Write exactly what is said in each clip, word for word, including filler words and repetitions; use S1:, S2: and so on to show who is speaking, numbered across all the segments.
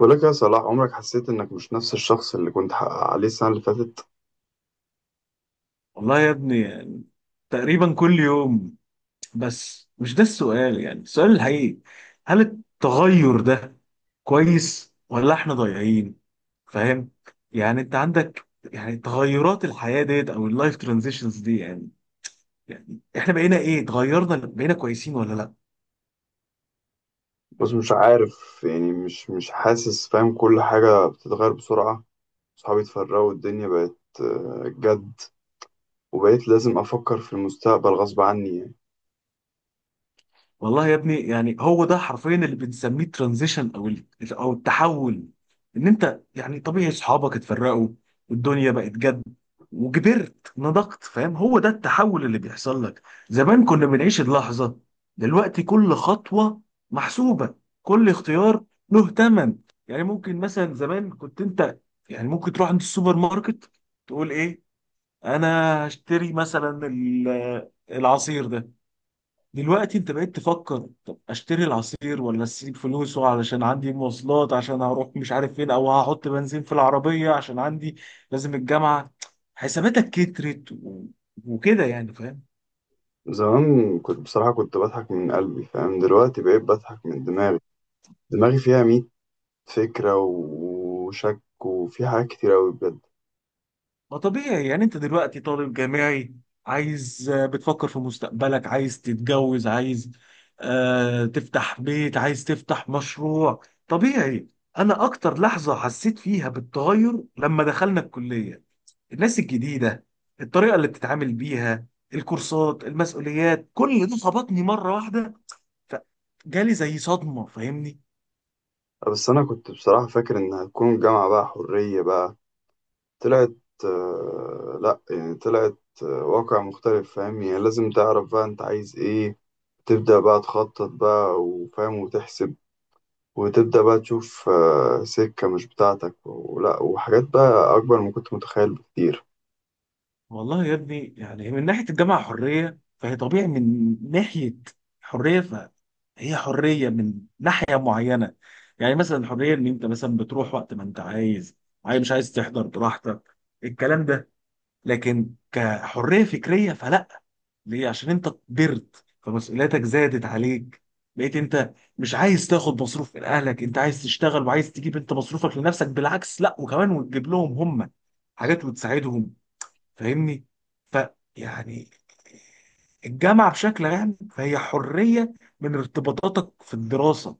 S1: بقول لك يا صلاح، عمرك حسيت انك مش نفس الشخص اللي كنت ح- عليه السنة اللي فاتت؟
S2: والله يا ابني يعني تقريبا كل يوم. بس مش ده السؤال، يعني السؤال الحقيقي: هل التغير ده كويس ولا احنا ضايعين؟ فاهم يعني، انت عندك يعني تغيرات الحياة ديت او اللايف ترانزيشنز دي، يعني يعني احنا بقينا ايه؟ اتغيرنا، بقينا كويسين ولا لا؟
S1: بس مش عارف، يعني مش مش حاسس، فاهم؟ كل حاجة بتتغير بسرعة. صحابي اتفرقوا والدنيا بقت آه، جد. وبقيت لازم افكر في المستقبل غصب عني يعني.
S2: والله يا ابني، يعني هو ده حرفيا اللي بنسميه ترانزيشن او ال- او التحول. ان انت يعني طبيعي صحابك اتفرقوا والدنيا بقت جد وكبرت نضجت، فاهم؟ هو ده التحول اللي بيحصل لك. زمان كنا بنعيش اللحظة، دلوقتي كل خطوة محسوبة، كل اختيار له ثمن. يعني ممكن مثلا زمان كنت انت يعني ممكن تروح عند السوبر ماركت، تقول ايه، انا هشتري مثلا ال- العصير ده. دلوقتي انت بقيت تفكر طب اشتري العصير ولا اسيب فلوسه علشان عندي مواصلات عشان هروح مش عارف فين، او هحط بنزين في العربية عشان عندي لازم الجامعة. حساباتك كترت و- وكده يعني، فاهم؟
S1: زمان كنت بصراحة كنت بضحك من قلبي، فاهم؟ دلوقتي بقيت بضحك من دماغي. دماغي فيها ميت فكرة و- وشك، وفي حاجات كتير أوي بجد.
S2: ما طبيعي، يعني انت دلوقتي طالب جامعي عايز، آه، بتفكر في مستقبلك، عايز تتجوز، عايز آه تفتح بيت، عايز تفتح مشروع. طبيعي. انا اكتر لحظة حسيت فيها بالتغير لما دخلنا الكلية، الناس الجديدة، الطريقة اللي بتتعامل بيها، الكورسات، المسؤوليات، كل ده خبطني مرة واحدة، فجالي زي صدمة، فاهمني؟
S1: بس أنا كنت بصراحة فاكر إن هتكون الجامعة بقى حرية بقى. طلعت آه، لا، يعني طلعت آه، واقع مختلف، فاهم؟ يعني لازم تعرف بقى انت عايز ايه، تبدأ بقى تخطط بقى وفاهم وتحسب، وتبدأ بقى تشوف آه، سكة مش بتاعتك، ولا وحاجات بقى أكبر ما كنت متخيل بكتير.
S2: والله يا ابني، يعني من ناحية الجامعة حرية فهي طبيعي، من ناحية حرية فهي حرية من ناحية معينة. يعني مثلا الحرية ان انت مثلا بتروح وقت ما انت عايز، عايز مش عايز تحضر براحتك، الكلام ده. لكن كحرية فكرية فلا. ليه؟ عشان انت كبرت فمسؤولياتك زادت عليك، بقيت انت مش عايز تاخد مصروف من اهلك، انت عايز تشتغل وعايز تجيب انت مصروفك لنفسك، بالعكس لا وكمان وتجيب لهم هم حاجات وتساعدهم، فاهمني؟ ف يعني الجامعة بشكل عام فهي حرية من ارتباطاتك في الدراسة،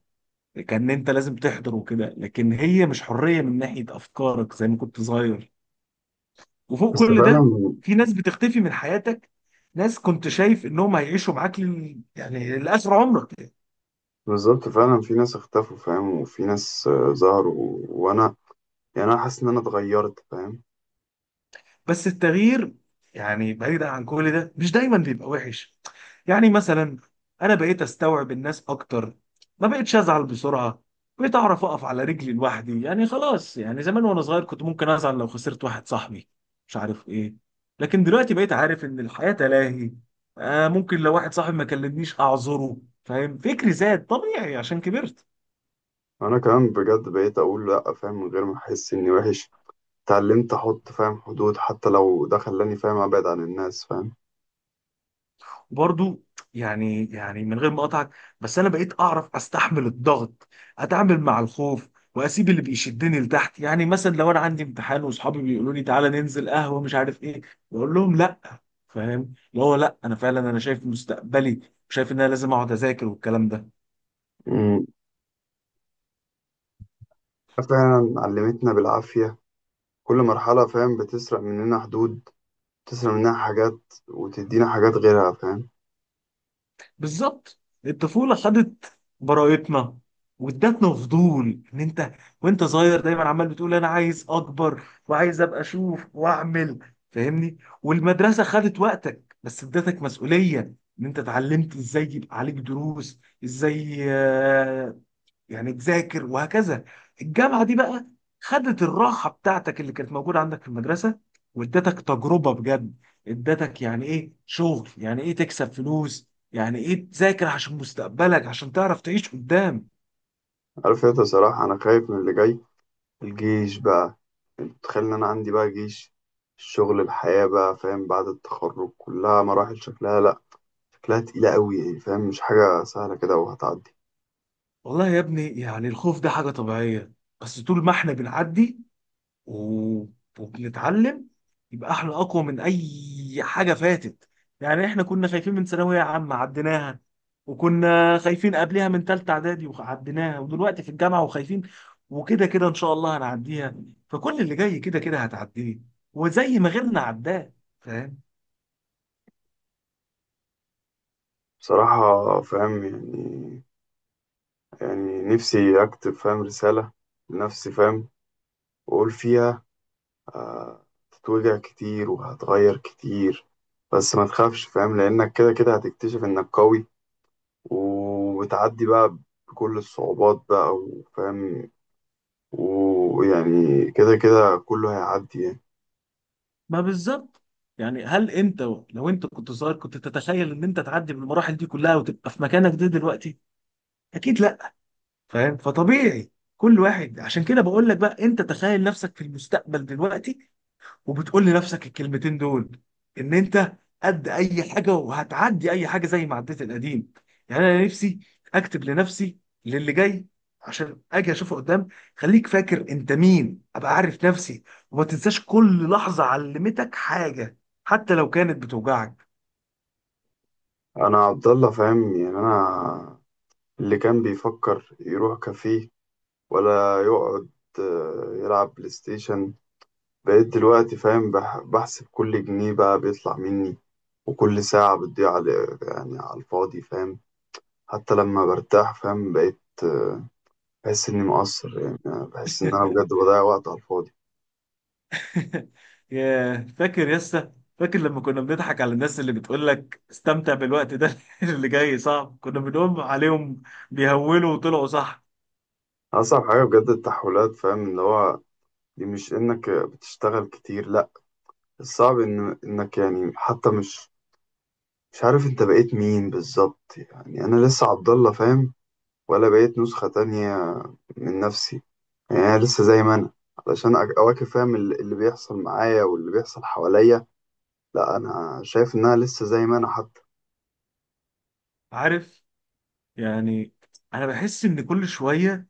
S2: كان انت لازم تحضر وكده، لكن هي مش حرية من ناحية افكارك زي ما كنت صغير. وفوق
S1: بس
S2: كل
S1: فعلا،
S2: ده في ناس بتختفي من حياتك، ناس كنت شايف انهم هيعيشوا معاك ل- يعني لاخر عمرك.
S1: بالظبط فعلا في ناس اختفوا فاهم، وفي ناس آه، ظهروا، وأنا يعني أنا حاسس إن أنا اتغيرت، فاهم؟
S2: بس التغيير يعني بعيدا عن كل ده مش دايما بيبقى وحش. يعني مثلا انا بقيت استوعب الناس اكتر، ما بقتش ازعل بسرعه، بقيت اعرف اقف على رجلي لوحدي. يعني خلاص، يعني زمان وانا صغير كنت ممكن ازعل لو خسرت واحد صاحبي مش عارف ايه، لكن دلوقتي بقيت عارف ان الحياه تلاهي. آه ممكن لو واحد صاحبي ما كلمنيش اعذره. فاهم؟ فكري زاد طبيعي عشان كبرت.
S1: أنا كمان بجد بقيت أقول لأ فاهم، من غير ما أحس إني وحش. اتعلمت احط فاهم حدود، حتى لو ده خلاني فاهم ابعد عن الناس، فاهم؟
S2: برضو يعني، يعني من غير ما اقطعك، بس انا بقيت اعرف استحمل الضغط، اتعامل مع الخوف، واسيب اللي بيشدني لتحت. يعني مثلا لو انا عندي امتحان واصحابي بيقولوا لي تعالى ننزل قهوه مش عارف ايه، بقول لهم لا. فاهم؟ اللي هو لا، انا فعلا انا شايف مستقبلي وشايف ان انا لازم اقعد اذاكر والكلام ده.
S1: مم. فعلا علمتنا بالعافية. كل مرحلة فاهم بتسرق مننا حدود، بتسرق مننا حاجات وتدينا حاجات غيرها، فاهم؟
S2: بالظبط، الطفولة خدت براءتنا وادتنا فضول، ان انت وانت صغير دايما عمال بتقول انا عايز اكبر وعايز ابقى اشوف واعمل، فاهمني؟ والمدرسة خدت وقتك بس ادتك مسؤولية، ان انت اتعلمت ازاي يبقى عليك دروس، ازاي آه، يعني تذاكر، وهكذا. الجامعه دي بقى خدت الراحه بتاعتك اللي كانت موجوده عندك في المدرسه، وادتك تجربه بجد. ادتك يعني ايه شغل، يعني ايه تكسب فلوس، يعني ايه تذاكر عشان مستقبلك عشان تعرف تعيش قدام.
S1: عارف انت صراحة، انا خايف من اللي جاي. الجيش بقى، تخيل ان انا عندي بقى جيش، الشغل، الحياة بقى فاهم، بعد التخرج كلها مراحل شكلها لا، شكلها تقيلة قوي يعني، فاهم؟ مش حاجة سهلة كده وهتعدي.
S2: والله يا ابني يعني الخوف ده حاجه طبيعيه، بس طول ما احنا بنعدي و- وبنتعلم، يبقى احنا اقوى من اي حاجه فاتت. يعني احنا كنا خايفين من ثانويه عامه عديناها، وكنا خايفين قبلها من ثالثه اعدادي وعديناها، ودلوقتي في الجامعه وخايفين، وكده كده ان شاء الله هنعديها. فكل اللي جاي كده كده هتعديه، وزي ما غيرنا عداه، فاهم؟
S1: بصراحة فاهم يعني يعني نفسي أكتب فاهم رسالة لنفسي فاهم، وأقول فيها آه، هتتوجع كتير وهتغير كتير، بس ما تخافش فاهم، لأنك كده كده هتكتشف إنك قوي وبتعدي بقى بكل الصعوبات بقى وفاهم، ويعني كده كده كله هيعدي يعني.
S2: ما بالظبط. يعني هل انت لو انت كنت صغير كنت تتخيل ان انت تعدي بالمراحل دي كلها وتبقى في مكانك ده دلوقتي؟ اكيد لا. فاهم؟ فطبيعي. كل واحد، عشان كده بقول لك بقى انت تخيل نفسك في المستقبل دلوقتي، وبتقول لنفسك الكلمتين دول، ان انت قد اي حاجه وهتعدي اي حاجه زي ما عديت القديم. يعني انا نفسي اكتب لنفسي للي جاي عشان اجي اشوفه قدام. خليك فاكر انت مين، ابقى عارف نفسي، وما تنساش كل لحظه علمتك حاجه حتى لو كانت بتوجعك.
S1: أنا عبد الله، فاهم؟ يعني أنا اللي كان بيفكر يروح كافيه ولا يقعد آه، يلعب بلاي ستيشن. بقيت دلوقتي فاهم بح- بحسب كل جنيه بقى بيطلع مني، وكل ساعة بتضيع على يعني على الفاضي، فاهم؟ حتى لما برتاح فاهم بقيت بحس إني مقصر، يعني بحس إن أنا بجد بضيع وقت على الفاضي.
S2: يا فاكر يسا، فاكر لما كنا بنضحك على الناس اللي بتقول لك استمتع بالوقت ده؟ اللي جاي صعب، كنا بنقوم عليهم، بيهولوا، وطلعوا صح.
S1: أصعب حاجة بجد التحولات فاهم، اللي هو دي مش إنك بتشتغل كتير لأ، الصعب إن إنك يعني حتى مش مش عارف أنت بقيت مين بالظبط، يعني أنا لسه عبد الله فاهم، ولا بقيت نسخة تانية من نفسي. يعني أنا لسه زي ما أنا، علشان أك- أواكب فاهم ال- اللي بيحصل معايا واللي بيحصل حواليا، لا أنا شايف إن أنا لسه زي ما أنا حتى.
S2: عارف؟ يعني انا بحس ان كل شويه،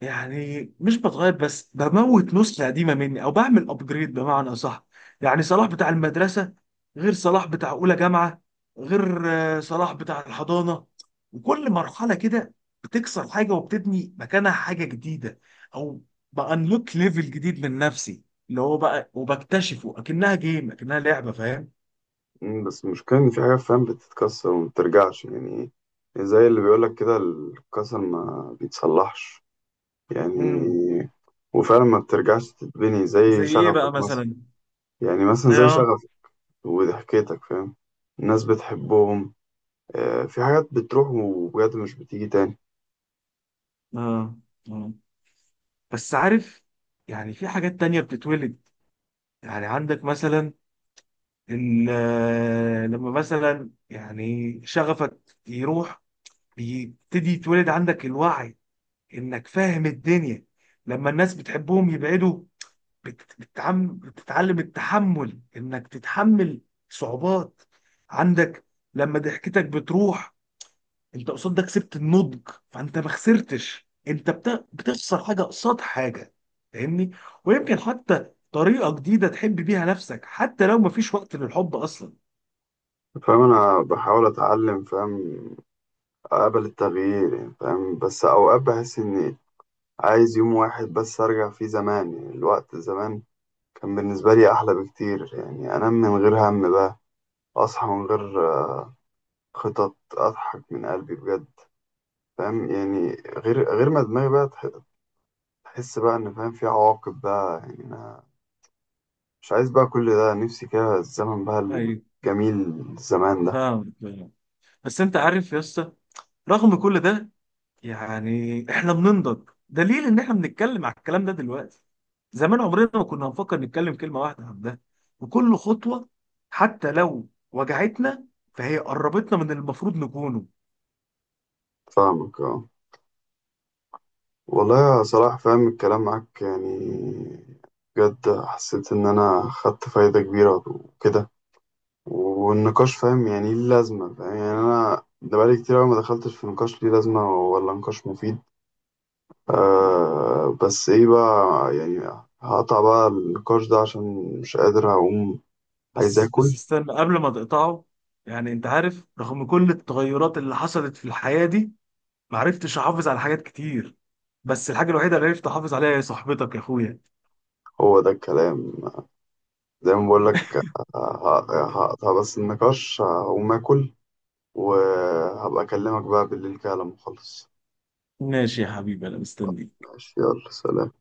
S2: يعني مش بتغير بس بموت نسخة قديمة مني او بعمل ابجريد بمعنى صح. يعني صلاح بتاع المدرسة غير صلاح بتاع اولى جامعة، غير آه، صلاح بتاع الحضانة. وكل مرحلة كده بتكسر حاجة وبتبني مكانها حاجة جديدة، او بانلوك ليفل جديد من نفسي، اللي هو بقى وبكتشفه اكنها جيم، اكنها لعبة، فاهم؟
S1: مم، بس المشكلة إن في حاجات فاهم بتتكسر وما بترجعش يعني، زي اللي بيقولك كده الكسر ما بيتصلحش يعني.
S2: امم
S1: وفعلا ما بترجعش تتبني، زي
S2: زي ايه
S1: شغفك
S2: بقى
S1: مثلا.
S2: مثلا؟
S1: يعني مثلا زي
S2: اه.
S1: شغفك وضحكتك فاهم، الناس بتحبهم، آه، في حاجات بتروح وبجد مش بتيجي تاني.
S2: اه، آه. بس عارف، يعني في حاجات تانية بتتولد. يعني عندك مثلا ال- لما مثلا يعني شغفك يروح، بيبتدي يتولد عندك الوعي انك فاهم الدنيا. لما الناس بتحبهم يبعدوا، بت- بتتعم- بتتعلم التحمل، انك تتحمل صعوبات عندك. لما ضحكتك بتروح، انت قصاد ده كسبت النضج، فانت ما خسرتش، انت بت- بتخسر حاجه قصاد حاجه، فاهمني؟ ويمكن حتى طريقه جديده تحب بيها نفسك، حتى لو ما فيش وقت للحب اصلا.
S1: فاهم انا بحاول اتعلم فاهم قبل التغيير يعني فاهم، بس أوقات بحس إني عايز يوم واحد بس أرجع فيه زمان، يعني الوقت زمان كان بالنسبة لي أحلى بكتير. يعني أنام من غير هم بقى، أصحى من غير خطط، أضحك من قلبي بجد، فاهم يعني؟ غير غير ما دماغي بقى تح- تحس بقى إن فاهم في عواقب بقى، يعني أنا مش عايز بقى كل ده، نفسي كده الزمن بقى
S2: ايوه،
S1: الجميل زمان ده.
S2: فاهم فاهم. بس انت عارف يا اسطى، رغم كل ده يعني احنا بننضج، دليل ان احنا بنتكلم على الكلام ده دلوقتي. زمان عمرنا ما كنا هنفكر نتكلم كلمه واحده عن ده. وكل خطوه حتى لو وجعتنا فهي قربتنا من اللي المفروض نكونه.
S1: فاهمك اه. والله يا صلاح فاهم الكلام معاك يعني، بجد حسيت إن أنا خدت فايدة كبيرة وكده، والنقاش فاهم يعني ليه لازمة فاهم، يعني أنا ده بقالي كتير أوي ما دخلتش في نقاش ليه لازمة ولا نقاش مفيد. آه بس إيه بقى يعني، هقطع بقى النقاش ده عشان مش قادر، هقوم عايز
S2: بس بس
S1: آكل.
S2: استنى قبل ما تقطعه. يعني انت عارف، رغم كل التغيرات اللي حصلت في الحياة دي ما عرفتش احافظ على حاجات كتير، بس الحاجة الوحيدة اللي عرفت احافظ عليها هي صاحبتك يا اخويا.
S1: هو ده الكلام، زي ما بقولك آه، هقطع بس النقاش، هقوم آكل وهبقى أكلمك بقى بالليل كده لما أخلص.
S2: ماشي يا حبيبي، انا مستنيك.
S1: ماشي، يلا سلام.